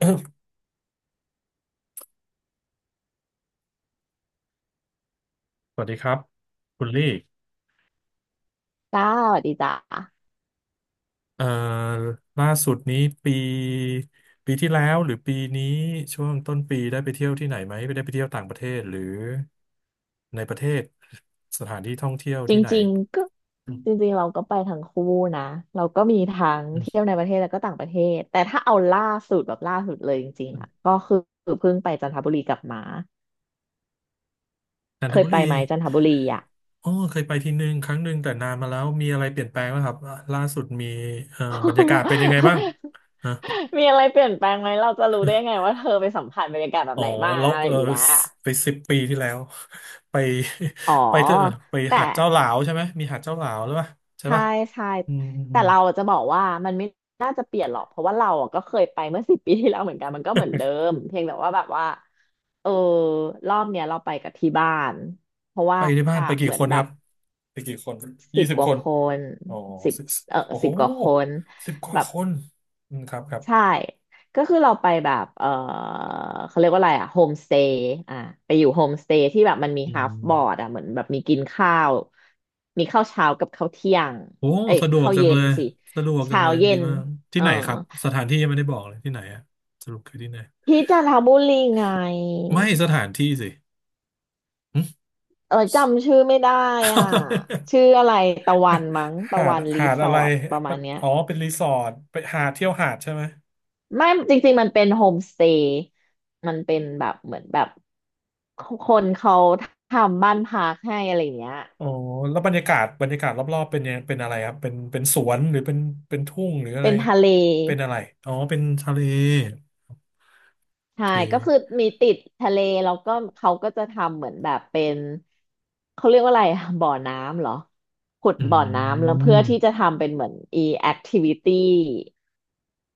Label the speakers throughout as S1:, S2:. S1: สวัสดีครับคุณลี่
S2: จ้าสวัสดีจ้า
S1: เอ่อล่าสุดนี้ปีปีที่แล้วหรือปีนี้ช่วงต้นปีได้ไปเที่ยวที่ไหนไหมได้ไปเที่ยวต่างประเทศหรือในประเทศสถานที่ท่องเที่ยว
S2: จ
S1: ที่ไหน
S2: ริงๆก็
S1: อืม
S2: จริงๆเราก็ไปทั้งคู่นะเราก็มีทั้ง
S1: อื
S2: เที่ย
S1: ม
S2: วในประเทศแล้วก็ต่างประเทศแต่ถ้าเอาล่าสุดแบบล่าสุดเลยจริงๆอ่ะก็คือเพิ่งไปจันทบุรีกลับมา
S1: จัน
S2: เค
S1: ท
S2: ย
S1: บุ
S2: ไป
S1: รี
S2: ไหมจันทบุรีอ่ะ
S1: อ๋อเคยไปทีหนึ่งครั้งหนึ่งแต่นานมาแล้วมีอะไรเปลี่ยนแปลงไหมครับล่าสุดมีบรรยากาศเป็นยังไงบ้าง
S2: มีอะไรเปลี่ยนแปลงไหมเราจะรู้ได้ไงว่าเธอไปสัมผัสบรรยากาศแบบ
S1: อ๋อ
S2: ไหนมา
S1: แล้ว
S2: อะไร
S1: เอ
S2: อ
S1: อ
S2: ย่างเงี้ย
S1: ไป10 ปีที่แล้ว ไป
S2: อ๋อ
S1: เถอะไป
S2: แต่
S1: หาดเจ้าหลาวใช่ไหมมีหาดเจ้าหลาวหรือเปล่าใช่
S2: ใช่
S1: ปะ
S2: ใช่
S1: อืมอืมอื
S2: แต่
S1: ม
S2: เราจะบอกว่ามันไม่น่าจะเปลี่ยนหรอกเพราะว่าเราอะก็เคยไปเมื่อ10 ปีที่แล้วเหมือนกันมันก็เหมือนเดิ มเพียงแต่ว่าแบบว่าเออรอบเนี้ยเราไปกับที่บ้านเพราะว่า
S1: ไปที่บ้านไปกี่
S2: เหมือ
S1: ค
S2: น
S1: น
S2: แบ
S1: ค
S2: บ
S1: รับไปกี่คน
S2: สิ
S1: ยี่
S2: บ
S1: สิบ
S2: ก
S1: ค
S2: ว่า
S1: น
S2: คน
S1: อ๋อ
S2: สิบ
S1: สิบ
S2: เออ
S1: โอ้โห
S2: สิบกว่าคน
S1: สิบก
S2: แบ
S1: ว่า
S2: บ
S1: คนอืมครับครับ
S2: ใช่ ก็คือเราไปแบบเออเขาเรียกว่าอะไรอะโฮมสเตย์อ่ะไปอยู่โฮมสเตย์ที่แบบมันมี
S1: อื
S2: ฮาฟบอร์ด
S1: ม
S2: อะเหมือนแบบมีกินข้าว มีข้าวเช้ากับข้าวเที่ยง
S1: โอ้
S2: เอ้ย
S1: สะดวก
S2: ข้าว
S1: จัง
S2: เย็
S1: เล
S2: น
S1: ย
S2: สิ
S1: สะดวกจัง
S2: เช้า
S1: เลย
S2: เย็
S1: ดี
S2: น
S1: มาก
S2: เอ
S1: ที่
S2: อ
S1: ไหนครับสถานที่ยังไม่ได้บอกเลยที่ไหนอะสรุปคือที่ไหน
S2: ที่จันทบุรีไง
S1: ไม่สถานที่สิหึ
S2: เออจำชื่อไม่ได้อ่ะชื่ ออะไรตะวันมั้งตะ
S1: หาด
S2: วันรี
S1: หาด
S2: สอ
S1: อะไร
S2: ร์ทประมาณเนี้ย
S1: อ๋อเป็นรีสอร์ทไปหาดเที่ยวหาดใช่ไหม
S2: ไม่จริงๆมันเป็นโฮมสเตย์มันเป็นแบบเหมือนแบบคนเขาทำบ้านพักให้อะไรอย่างเงี้ย
S1: อ๋อแล้วบรรยากาศบรรยากาศรอบๆเป็นยังเป็นอะไรครับ เป็นสวนหรือเป็นทุ่งหรืออะ
S2: เป็
S1: ไร
S2: นทะเล
S1: เป็นอะไร อ๋อเป็นทะเลโอ
S2: ใช่
S1: เค
S2: ก็คือมีติดทะเลแล้วก็เขาก็จะทำเหมือนแบบเป็นเขาเรียกว่าอะไรอะบ่อน้ำเหรอขุด
S1: อื
S2: บ่อน้ำแล้วเพื่อที่จะ
S1: ม
S2: ทำเป็นเหมือน activity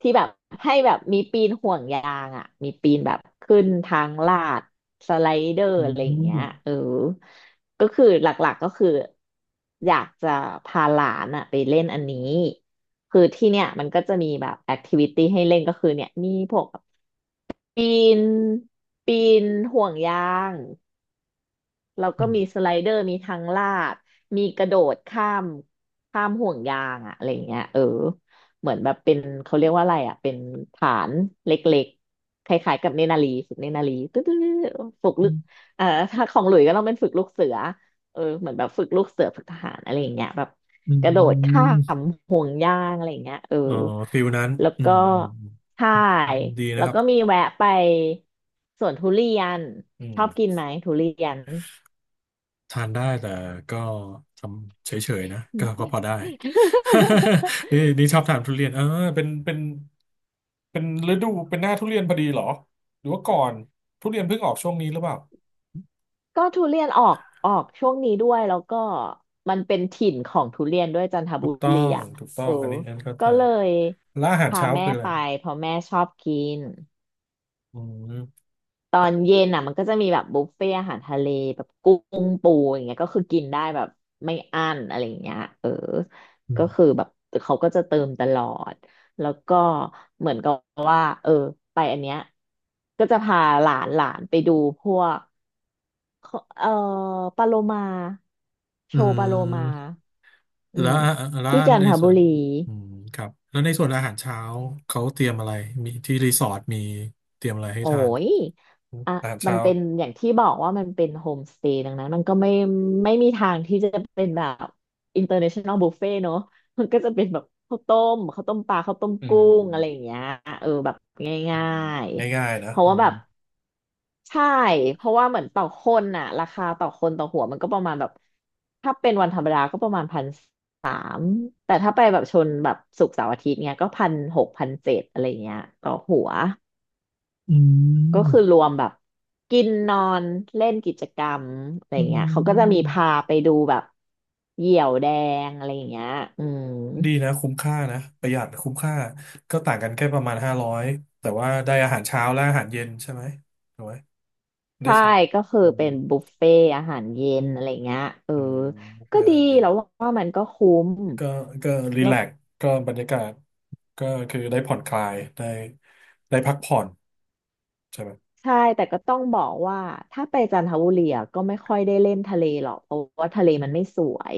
S2: ที่แบบให้แบบมีปีนห่วงยางอ่ะมีปีนแบบขึ้นทางลาดสไลเดอร์
S1: อื
S2: อะไรอย่างเงี้ย
S1: ม
S2: เออก็คือหลักๆก็คืออยากจะพาหลานอ่ะไปเล่นอันนี้คือที่เนี่ยมันก็จะมีแบบแอคทิวิตี้ให้เล่นก็คือเนี่ยมีพวกปีนปีนห่วงยาง แล้ว
S1: อื
S2: ก็มีส
S1: ม
S2: ไลเดอร์ มีทางลาดมีกระโดดข้ามห่วงยางอะอะไรเงี้ยเออเหมือนแบบเป็นเขาเรียกว่าอะไรอะเป็นฐานเล็กๆคล้ายๆกับเนนารีฝึกเนนารีตึ๊ดๆฝึกลึกเอ่อถ้าของหลุยก็ต้องเป็นฝึกลูกเสือเออเหมือนแบบฝึกลูกเสือฝึกทหารอะไรอย่างเงี้ยแบบ
S1: อื
S2: กระโดดข้า
S1: ม
S2: มห่วงยางอะไรอย่างเงี้ยเออ
S1: อ๋อฟิลนั้น
S2: แล้ว
S1: อื
S2: ก็
S1: มอืม
S2: ใช่
S1: อืมดี
S2: แล้
S1: นะ
S2: ว
S1: ครับ
S2: ก็มีแวะไปสวนทุเรียน
S1: อื
S2: ช
S1: ม
S2: อบกินไหมทุเรียน
S1: ทานได้แต่ก็ทำเฉยๆนะก็ พอได้ นี่ชอบทานทุเรียนเออเป็นเป็นเป็นฤดูเป็นหน้าทุเรียนพอดีเหรอหรือว่าก่อนทุเรียนเพิ่งออกช่วงนี้หรือเปล่า
S2: ก็ทุเรียนออกช่วงนี้ด้วยแล้วก็มันเป็นถิ่นของทุเรียนด้วยจันท
S1: ถู
S2: บุ
S1: กต้อ
S2: รี
S1: ง
S2: อ่ะ
S1: ถูกต้อ
S2: เออ
S1: งอันนี้อันเข้า
S2: ก็
S1: ใจ
S2: เลย
S1: แล้วอาหาร
S2: พา
S1: เช้า
S2: แม่
S1: คืออะไร
S2: ไปเพราะแม่ชอบกิน
S1: อืม
S2: ตอนเย็นอ่ะมันก็จะมีแบบบุฟเฟ่อาหารทะเลแบบกุ้งปูอย่างเงี้ยก็คือกินได้แบบไม่อั้นอะไรอย่างเงี้ยเออ
S1: อื
S2: ก็คือ
S1: ม
S2: แบบเขาก็จะเติมตลอดแล้วก็เหมือนกับว่าเออไปอันเนี้ยก็จะพาหลานหลานไปดูพวก ขอปาโลมาโช
S1: อื
S2: ว์ปาโลมา
S1: ม
S2: อื
S1: แล้ว
S2: ม
S1: แล้ว
S2: ที่จัน
S1: ใน
S2: ท
S1: ส่
S2: บุ
S1: วน
S2: รี
S1: อืมครับแล้วในส่วนอาหารเช้าเขาเตรียมอะไรมีที่รีสอร์ทมีเตรียมอะไรให้
S2: โอ้
S1: ทาน
S2: ยอ่ะ
S1: อาหาร
S2: มัน
S1: เช้า
S2: เป็นอย่างที่บอกว่ามันเป็นโฮมสเตย์ดังนั้นมันก็ไม่มีทางที่จะเป็นแบบอินเตอร์เนชั่นแนลบุฟเฟ่เนอะมันก็จะเป็นแบบข้าวต้มข้าวต้มปลาข้าวต้ม
S1: อื
S2: กุ้งอะไรอย่าง
S1: ม
S2: เงี้ยเออแบบ
S1: อื
S2: ง่า
S1: ม
S2: ย
S1: ง่ายๆ
S2: ๆ
S1: นะ
S2: เพราะ
S1: อื
S2: ว่าแบ
S1: ม
S2: บใช่เพราะว่าเหมือนต่อคนน่ะราคาต่อคนต่อหัวมันก็ประมาณแบบถ้าเป็นวันธรรมดาก็ประมาณพัน อืมแต่ถ้าไปแบบชนแบบศุกร์เสาร์อาทิตย์เนี้ยก็พันหกพันเจ็ดอะไรเงี้ยต่อหัว
S1: อื
S2: ก็คือ
S1: ม
S2: รวมแบบกินนอนเล่นกิจกรรมอะไร
S1: อื
S2: เงี้ยเขาก็จะมี
S1: ม
S2: พาไปดูแบบเหยี่ยวแดงอะไรเงี้ยอืม
S1: ดีนะคุ้มค่านะประหยัดคุ้มค่าก็ต่างกันแค่ประมาณ500แต่ว่าได้อาหารเช้าและอาหารเย็นใช่ไหมถูกไหมได้
S2: ใช่
S1: สอง
S2: ก็คือ
S1: อืม
S2: เป็นบุฟเฟ่ต์อาหารเย็นอะไรเงี้ยเออ
S1: อืม
S2: ก็
S1: ไม่อา
S2: ดี
S1: หารเย็น
S2: แล้วว่ามันก็คุ้ม
S1: ก็ก็รี
S2: แล้
S1: แล
S2: ว
S1: กซ์ก็บรรยากาศก็คือได้ผ่อนคลายได้พักผ่อนใช่ไหม
S2: ใช่แต่ก็ต้องบอกว่าถ้าไปจันทบุรีอะก็ไม่ค่อยได้เล่นทะเลหรอกเพราะว่าทะเลมันไม่สวย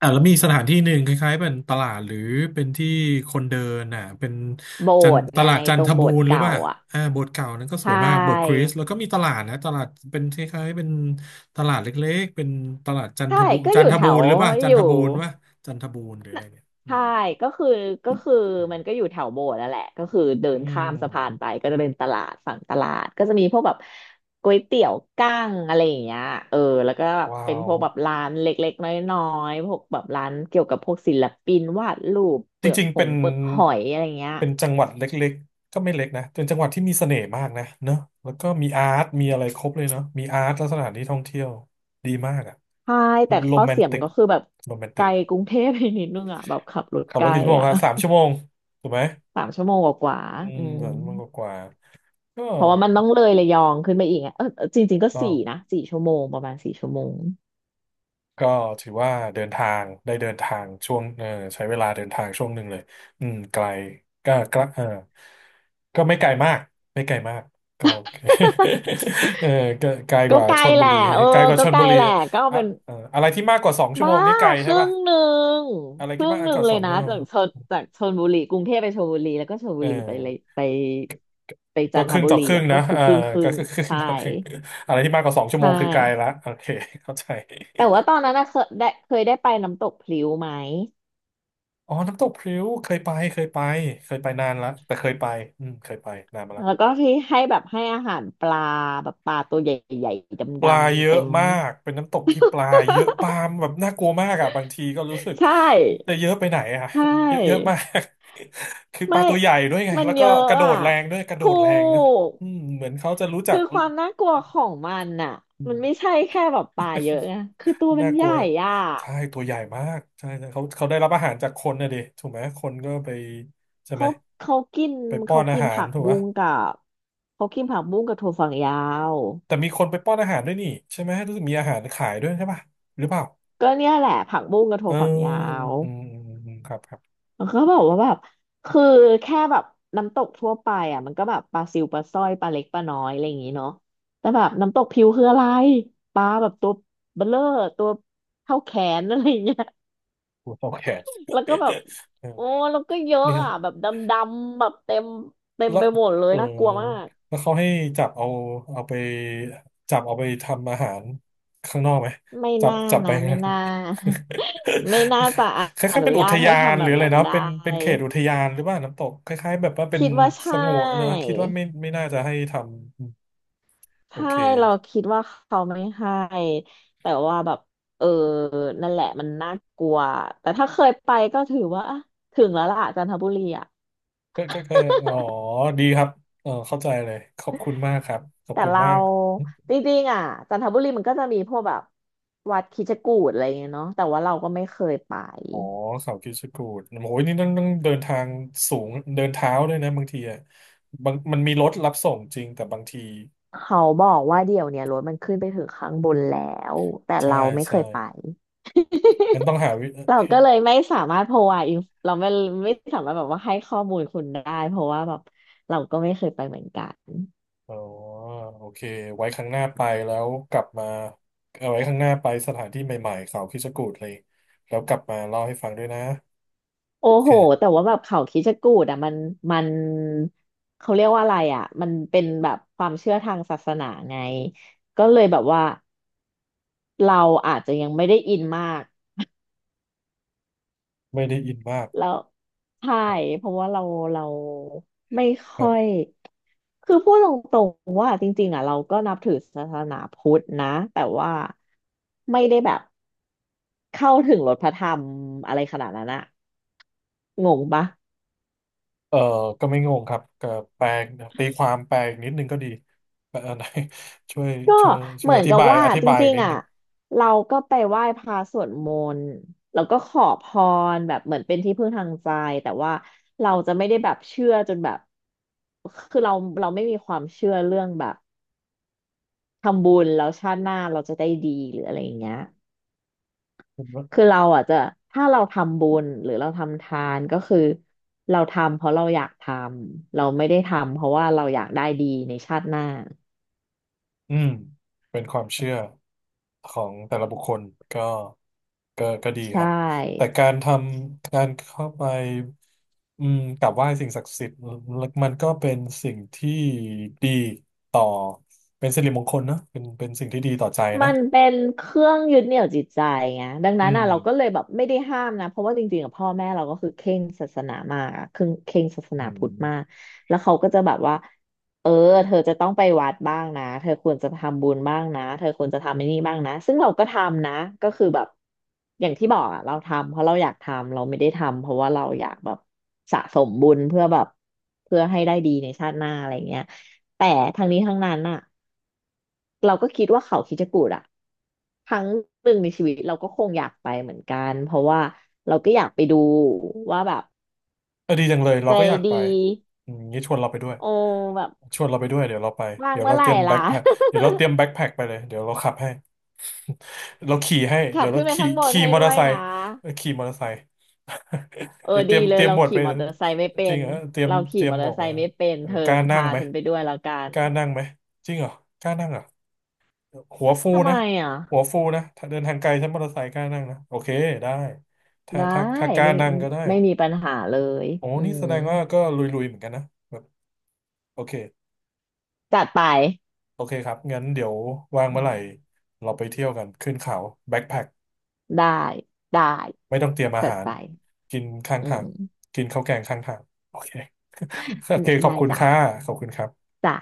S1: อ่าแล้วมีสถานที่หนึ่งคล้ายๆเป็นตลาดหรือเป็นที่คนเดินอ่ะเป็น
S2: โบ
S1: จัน
S2: สถ์
S1: ต
S2: ไง
S1: ลาดจั
S2: ต
S1: น
S2: ร
S1: ท
S2: งโบ
S1: บู
S2: สถ์
S1: รณ์หรือ
S2: เก่า
S1: ว่า
S2: อ่ะ
S1: อ่าโบสถ์เก่านั้นก็ส
S2: ใช่
S1: วยมากโบสถ์คริสต์แล้วก็มีตลาดนะตลาดเป็นคล้ายๆเป็นตลาดเล็กๆเป็นตลาดจันท
S2: ใช่
S1: บู
S2: ก็
S1: จั
S2: อ
S1: น
S2: ยู่
S1: ท
S2: แถ
S1: บู
S2: ว
S1: รณ์หรือว่าจั
S2: อ
S1: นท
S2: ยู่
S1: บูรณ์ว่าจันทบูรณ์หรืออะ
S2: น่ะ
S1: ไรเนี่ยอื
S2: ใช่
S1: ม
S2: ก็คือก็คือ
S1: เออ
S2: มันก็อยู่แถวโบสถ์นั่นแหละก็คือเดิ
S1: อื
S2: นข้ามสะพานไป
S1: ม
S2: ก็จะเป็นตลาดฝั่งตลาดก็จะมีพวกแบบก๋วยเตี๋ยวกั้งอะไรอย่างเงี้ยเออแล้วก็
S1: ว้า
S2: เป็นพ
S1: ว
S2: วกแบบร้านเล็กๆน้อยๆพวกแบบร้านเกี่ยวกับพวกศิลปินวาดรูป
S1: จริงๆเป็น
S2: เปลือกหอยอะไรเงี้ย
S1: เป็นจังหวัดเล็กๆ ก็ไม่เล็กนะเป็นจังหวัดที่มีเสน่ห์มากนะเนอะแล้วก็มีอาร์ตมีอะไรครบเลยเนาะมีอาร์ตและสถานที่ท่องเที่ยวดีมากอะ
S2: ใช่แต่
S1: โร
S2: ข้อ
S1: แมน
S2: เสีย
S1: ติ
S2: มัน
S1: ก
S2: ก็คือแบบ
S1: โรแมน
S2: ไก
S1: ติ
S2: ล
S1: ก
S2: กรุงเทพไปนิดนึงอ่ะแบบขับรถ
S1: ขับ
S2: ไก
S1: ร
S2: ล
S1: ถกี่ชั่วโมง
S2: อ่ะ
S1: ครับสามชั่วโมงถูกไหม
S2: สามชั่วโมงกว่า
S1: อื
S2: ๆ
S1: ม
S2: อืม
S1: 3 ชั่วโมงกว่าๆก็
S2: เพราะว่ามันต้องเลยระยองขึ้นไปอีกไงเออเออจริงๆ
S1: ถูก
S2: ก็
S1: ต้อง
S2: สี่นะสี่ชั่วโมงประมาณสี่ชั่วโมง
S1: ก็ถือว่าเดินทางได้เดินทางช่วงเออใช้เวลาเดินทางช่วงหนึ่งเลยอืมไกลก็เออก็ไม่ไกลมากไม่ไกลมากก็โอเค เออก็ไกลก
S2: ก็
S1: ว่า
S2: ไกล
S1: ชล
S2: แห
S1: บุ
S2: ละ
S1: รี
S2: เออ
S1: ไกลกว่า
S2: ก็
S1: ชล
S2: ไกล
S1: บุรี
S2: แหละ
S1: อะ
S2: ก็เป็น
S1: เอออะไรที่มากกว่าสองชั่ว
S2: บ้า
S1: โมงนี้ไกล
S2: ค
S1: ใช่
S2: รึ่
S1: ป่ะ
S2: งหนึ่ง
S1: อะไร
S2: ค
S1: ที่
S2: รึ่
S1: มา
S2: ง
S1: ก
S2: หนึ่
S1: ก
S2: ง
S1: ว่า
S2: เล
S1: ส
S2: ย
S1: อง
S2: นะ
S1: ชั่วโม
S2: จา
S1: ง
S2: กจากชลบุรีกรุงเทพไปชลบุรีแล้วก็ชล
S1: เอ
S2: บุรีไปเลย
S1: อ
S2: ไปไปจั
S1: ก็
S2: นท
S1: ครึ่ง
S2: บุ
S1: ต่อ
S2: รี
S1: ครึ่ง
S2: อ่ะก็
S1: นะ
S2: คือ
S1: เออ
S2: ครึ่งครึ่
S1: ก็
S2: ง
S1: คือ ครึ่ง
S2: ใช่
S1: ต่อครึ่งอะไรที่มากกว่าสองชั่
S2: ใช
S1: วโมงคือไกล
S2: ่
S1: ละโอเคเข้าใจ
S2: แต่ว่าตอนนั้นนะเคยได้ไปน้ำตกพลิ้วไหม
S1: อ๋อน้ำตกพริ้วเคยไปเคยไปเคยไปนานละแต่เคยไปอืมเคยไปนานมาละ
S2: แล้วก็ที่ให้แบบให้อาหารปลาแบบปลาตัวใหญ่ๆ
S1: ปลา
S2: ดำ
S1: เย
S2: ๆ
S1: อะ
S2: เต็ม
S1: มากเป็นน้ำตกที่ปลาเยอะปลา แบบน่ากลัวมากอ่ะบางทีก็รู้สึก
S2: ใช
S1: จะ
S2: ่
S1: เยอะไปไหนอ่ะ
S2: ใช
S1: เยอะเยอะ
S2: ่
S1: มาก คือป
S2: ไม่
S1: ลาตัวใหญ่ด้วยไง
S2: มัน
S1: แล้ว
S2: เย
S1: ก็
S2: อะ
S1: กระโด
S2: อ่ะ
S1: ดแรงด้วยกระโด
S2: ถู
S1: ดแรงนะ
S2: ก
S1: อืมเหมือนเขาจะรู้จั
S2: คื
S1: ก
S2: อความน่ากลัวของมันน่ะ
S1: อื
S2: มันไม่
S1: ม
S2: ใช่แค่แบบปลาเยอะไงคือตัวมั
S1: น่า
S2: น
S1: ก
S2: ให
S1: ลั
S2: ญ่
S1: ว
S2: อ่ะ
S1: ใช่ตัวใหญ่มากใช่ใช่เขาได้รับอาหารจากคนนะดิถูกไหมคนก็ไปใช่ไห
S2: เขา
S1: ม
S2: เขากิน
S1: ไปป้อ
S2: เขา
S1: นอา
S2: กิน
S1: หาร
S2: ผัก
S1: ถูกไหม
S2: บุ้งกับเขากินผักบุ้งกับถั่วฝักยาว
S1: แต่มีคนไปป้อนอาหารด้วยนี่ใช่ไหมรู้สึกมีอาหารขายด้วยใช่ป่ะหรือเปล่า
S2: ก็เนี่ยแหละผักบุ้งกับถั่
S1: เอ
S2: ว
S1: อ
S2: ฝักยาว
S1: อืมอืมอืมครับครับ
S2: มันก็บอกว่าแบบคือแค่แบบน้ำตกทั่วไปอ่ะมันก็แบบปลาซิวปลาสร้อยปลาเล็กปลาน้อยอะไรอย่างงี้เนาะแต่แบบน้ำตกพิวคืออะไรปลาแบบตัวเบลเลอร์ตัวเท่าแขนอะไรอย่างเงี้ย
S1: หัวเตาแขน
S2: แล้วก็แบ บ
S1: เออ
S2: โอ้แล้วก็เยอะ
S1: เนี่ย
S2: อ่ะแบบดำๆแบบเต็ม
S1: แล้ว
S2: ไปหมดเลย
S1: เออ
S2: น่ากลัวมาก
S1: แล้วเขาให้จับเอาเอาไปจับเอาไปทำอาหารข้างนอกไหม
S2: ไม่
S1: จับ
S2: น่า
S1: จับไป
S2: นะไม่น่า ไม่น่าจะ
S1: ค
S2: อ
S1: ล้ายๆ
S2: นุ
S1: เป็นอุ
S2: ญา
S1: ท
S2: ตให้
S1: ยาน
S2: ทำ
S1: ห
S2: แบ
S1: รือ
S2: บ
S1: อะไร
S2: นั้น
S1: เนาะ
S2: ได
S1: เป็นเป็นเข
S2: ้
S1: ตอุทยานหรือว่าน้ำตกคล้ายๆแบบว่าเป็น
S2: คิดว่า
S1: ส
S2: ใช่
S1: งวนเนอะคิดว่าไม่น่าจะให้ทำโอ
S2: ใช่
S1: เค
S2: เราคิดว่าเขาไม่ให้แต่ว่าแบบเออนั่นแหละมันน่ากลัวแต่ถ้าเคยไปก็ถือว่าอ่ะถึงแล้วล่ะจันทบุรีอ่ะ
S1: ก็อ๋อดีครับ เออเข้าใจเลยขอบคุณมากครับ ขอบ
S2: แต่
S1: คุณ
S2: เรา
S1: มาก
S2: จริงๆอ่ะจันทบุรีมันก็จะมีพวกแบบวัดคิดจกูฏอะไรเงี้ยเนาะแต่ว่าเราก็ไม่เคยไป
S1: อ๋อเขาคิดชะกูดโอ้ยนี่ต้องเดินทางสูง เดินเท้าด้วยนะบางทีอ่ะบางมันมีรถรับส่งจริงแต่บางที
S2: เขาบอกว่าเดี๋ยวเนี้ยรถมันขึ้นไปถึงข้างบนแล้วแต่
S1: ใช่
S2: เราไม่เค
S1: ใช่
S2: ยไป
S1: งั้นต้ องหาวิ
S2: เรา
S1: เฮ้
S2: ก็
S1: ย
S2: เลยไม่สามารถ เราไม่ไม่สามารถแบบว่าให้ข้อมูลคุณได้เพราะว่าแบบเราก็ไม่เคยไปเหมือนกัน
S1: อ๋อโอเคไว้ครั้งหน้าไปแล้วกลับมาเอาไว้ครั้งหน้าไปสถานที่ใหม่ๆเขาคิดชะกูดเลยแล้วกลับมาเล่าให้ฟังด้วยนะ
S2: โอ้
S1: โอ
S2: โหแต่
S1: เค
S2: ว่าแบบเขาคิดจะกูดอ่ะมันเขาเรียกว่าอะไรอ่ะมันเป็นแบบความเชื่อทางศาสนาไงก็เลยแบบว่าเราอาจจะยังไม่ได้อินมาก
S1: ไม่ได้อินมาก
S2: แล้วใช่เพราะว่าเราไม่ค่อยคือพูดตรงๆว่าจริงๆอ่ะเราก็นับถือศาสนาพุทธนะแต่ว่าไม่ได้แบบ เข้าถึงรถพระธรรมอะไรขนาดนั้นอะงงปะ
S1: เออก็ไม่งงครับก็แปลตีความแปลอีกนิดนึงก็ดีแปลไหน ช่วย
S2: ก็
S1: ช่วยช่
S2: เห
S1: ว
S2: มื
S1: ย
S2: อ
S1: อ
S2: น
S1: ธิ
S2: กับ
S1: บาย
S2: ว่าจ
S1: อี
S2: ริ
S1: ก
S2: ง
S1: นิ
S2: ๆ
S1: ด
S2: อะ
S1: นึง
S2: เราก็ไปไหว้พระสวดมนต์แล้วก็ขอพรแบบเหมือนเป็นที่พึ่งทางใจแต่ว่าเราจะไม่ได้แบบเชื่อจนแบบคือเราไม่มีความเชื่อเรื่องแบบทำบุญแล้วชาติหน้าเราจะได้ดีหรืออะไรอย่างเงี้ย
S1: ผมว่า
S2: คือเราอ่ะจะถ้าเราทำบุญหรือเราทำทานก็คือเราทำเพราะเราอยากทำเราไม่ได้ทำเพราะว่าเราอยากได้ดีในชาติหน้า
S1: อืมเป็นความเชื่อของแต่ละบุคคลก็ก็ดี
S2: ใช
S1: ครับแต่
S2: ่
S1: การทำการเข้าไปอืมกราบไหว้สิ่งศักดิ์สิทธิ์มันก็เป็นสิ่งที่ดีต่อเป็นสิริมงคลเนอะเป็นเป็นสิ่งที่ดีต่อใจเน
S2: มั
S1: อะ
S2: นเป็นเครื่องยึดเหนี่ยวจิตใจไงดัง
S1: อื
S2: นั้น
S1: ม
S2: อ่ะเราก็เลยแบบไม่ได้ห้ามนะ เพราะว่าจริงๆกับพ่อแม่เราก็คือเคร่งศาสนามากอะเคร่งศาสนา
S1: อื
S2: พุทธมาก
S1: ม
S2: แล้วเขาก็จะแบบว่า เออเธอจะต้องไปวัดบ้างนะ เธอควรจะทำบุญบ้างนะเธอควรจะทำไอ้นี่บ้างนะ ซึ่งเราก็ทำนะ ก็คือแบบอย่างที่บอกอ่ะเราทำเพราะเราอยากทำเราไม่ได้ทำเพราะว่าเราอยากแบบสะสมบุญเพื่อแบบเพื่อให้ได้ดีในชาติหน้าอะไรเงี้ยแต่ทั้งนี้ทั้งนั้นอ่ะ เราก็คิดว่าเขาคิดกูดอะครั้งหนึ่งในชีวิตเราก็คงอยากไปเหมือนกันเพราะว่าเราก็อยากไปดูว่าแบบ
S1: เออดีจังเลยเรา
S2: ใจ
S1: ก็อยาก
S2: ดี
S1: ไปอืมงี้ชวนเราไปด้วย
S2: โอ้แบบ
S1: ชวนเราไปด้วยเดี๋ยวเราไป
S2: ว่าง
S1: เดี๋ยว
S2: เมื่
S1: เรา
S2: อไห
S1: เต
S2: ร่
S1: รียมแบ็
S2: ล่ะ
S1: คแพ็คเดี๋ยวเราเตรียมแบ็คแพ็คไปเลยเดี๋ยวเราขับให้เราขี่ให้
S2: ขั
S1: เดี๋
S2: บ
S1: ยวเรา
S2: ขึ้นไป
S1: ขี่
S2: ข้างบน
S1: ขี่
S2: ให้
S1: มอเต
S2: ด้
S1: อ
S2: ว
S1: ร์
S2: ย
S1: ไซ
S2: นะ
S1: ค์เออขี่มอเตอร์ไซค์
S2: เอ อ
S1: เดี๋ยวเต
S2: ดี
S1: รียม
S2: เล
S1: เต
S2: ย
S1: รียม
S2: เรา
S1: หมวด
S2: ขี่
S1: ไป
S2: มอเตอร์ไซค์ไม่เป็
S1: จริง
S2: น
S1: เหรอเตรียม
S2: เรา
S1: เต
S2: ขี่
S1: รีย
S2: ม
S1: ม
S2: อ
S1: ห
S2: เต
S1: ม
S2: อ
S1: ว
S2: ร์
S1: ก
S2: ไซ
S1: มา
S2: ค์ไม่เป็น
S1: เออ
S2: เธอ
S1: กล้านั่
S2: พา
S1: งไหม
S2: ฉันไปด้วยแล้วกัน
S1: กล้านั่งไหมจริงเหรอกล้านั่งเหรอหัวฟู
S2: ทำไม
S1: นะ
S2: อ่ะ
S1: หัวฟูนะถ้าเดินทางไกลใช้มอเตอร์ไซค์กล้านั่งนะโอเคได้ถ้า
S2: ได้
S1: ถ้าถ้ากล้า
S2: ไม่
S1: นั่งก็ได้
S2: ไม่มีปัญหาเลย
S1: โอ้
S2: อื
S1: นี่แส
S2: ม
S1: ดงว่าก็ลุยๆเหมือนกันนะแบบโอเค
S2: จัดไป
S1: โอเคครับงั้นเดี๋ยวว่าง
S2: อื
S1: เมื่อไหร่
S2: ม
S1: เราไปเที่ยวกันขึ้นเขาแบ็คแพ็ค
S2: ได้ได้
S1: ไม่ต้องเตรียมอา
S2: จัด
S1: หาร
S2: ไป
S1: กินข้าง
S2: อื
S1: ทาง
S2: ม
S1: กินข้าวแกงข้างทางโอเค โอเคขอ
S2: ได้
S1: บคุณ
S2: จ้ะ
S1: ค่ะขอบคุณครับ
S2: จ้ะ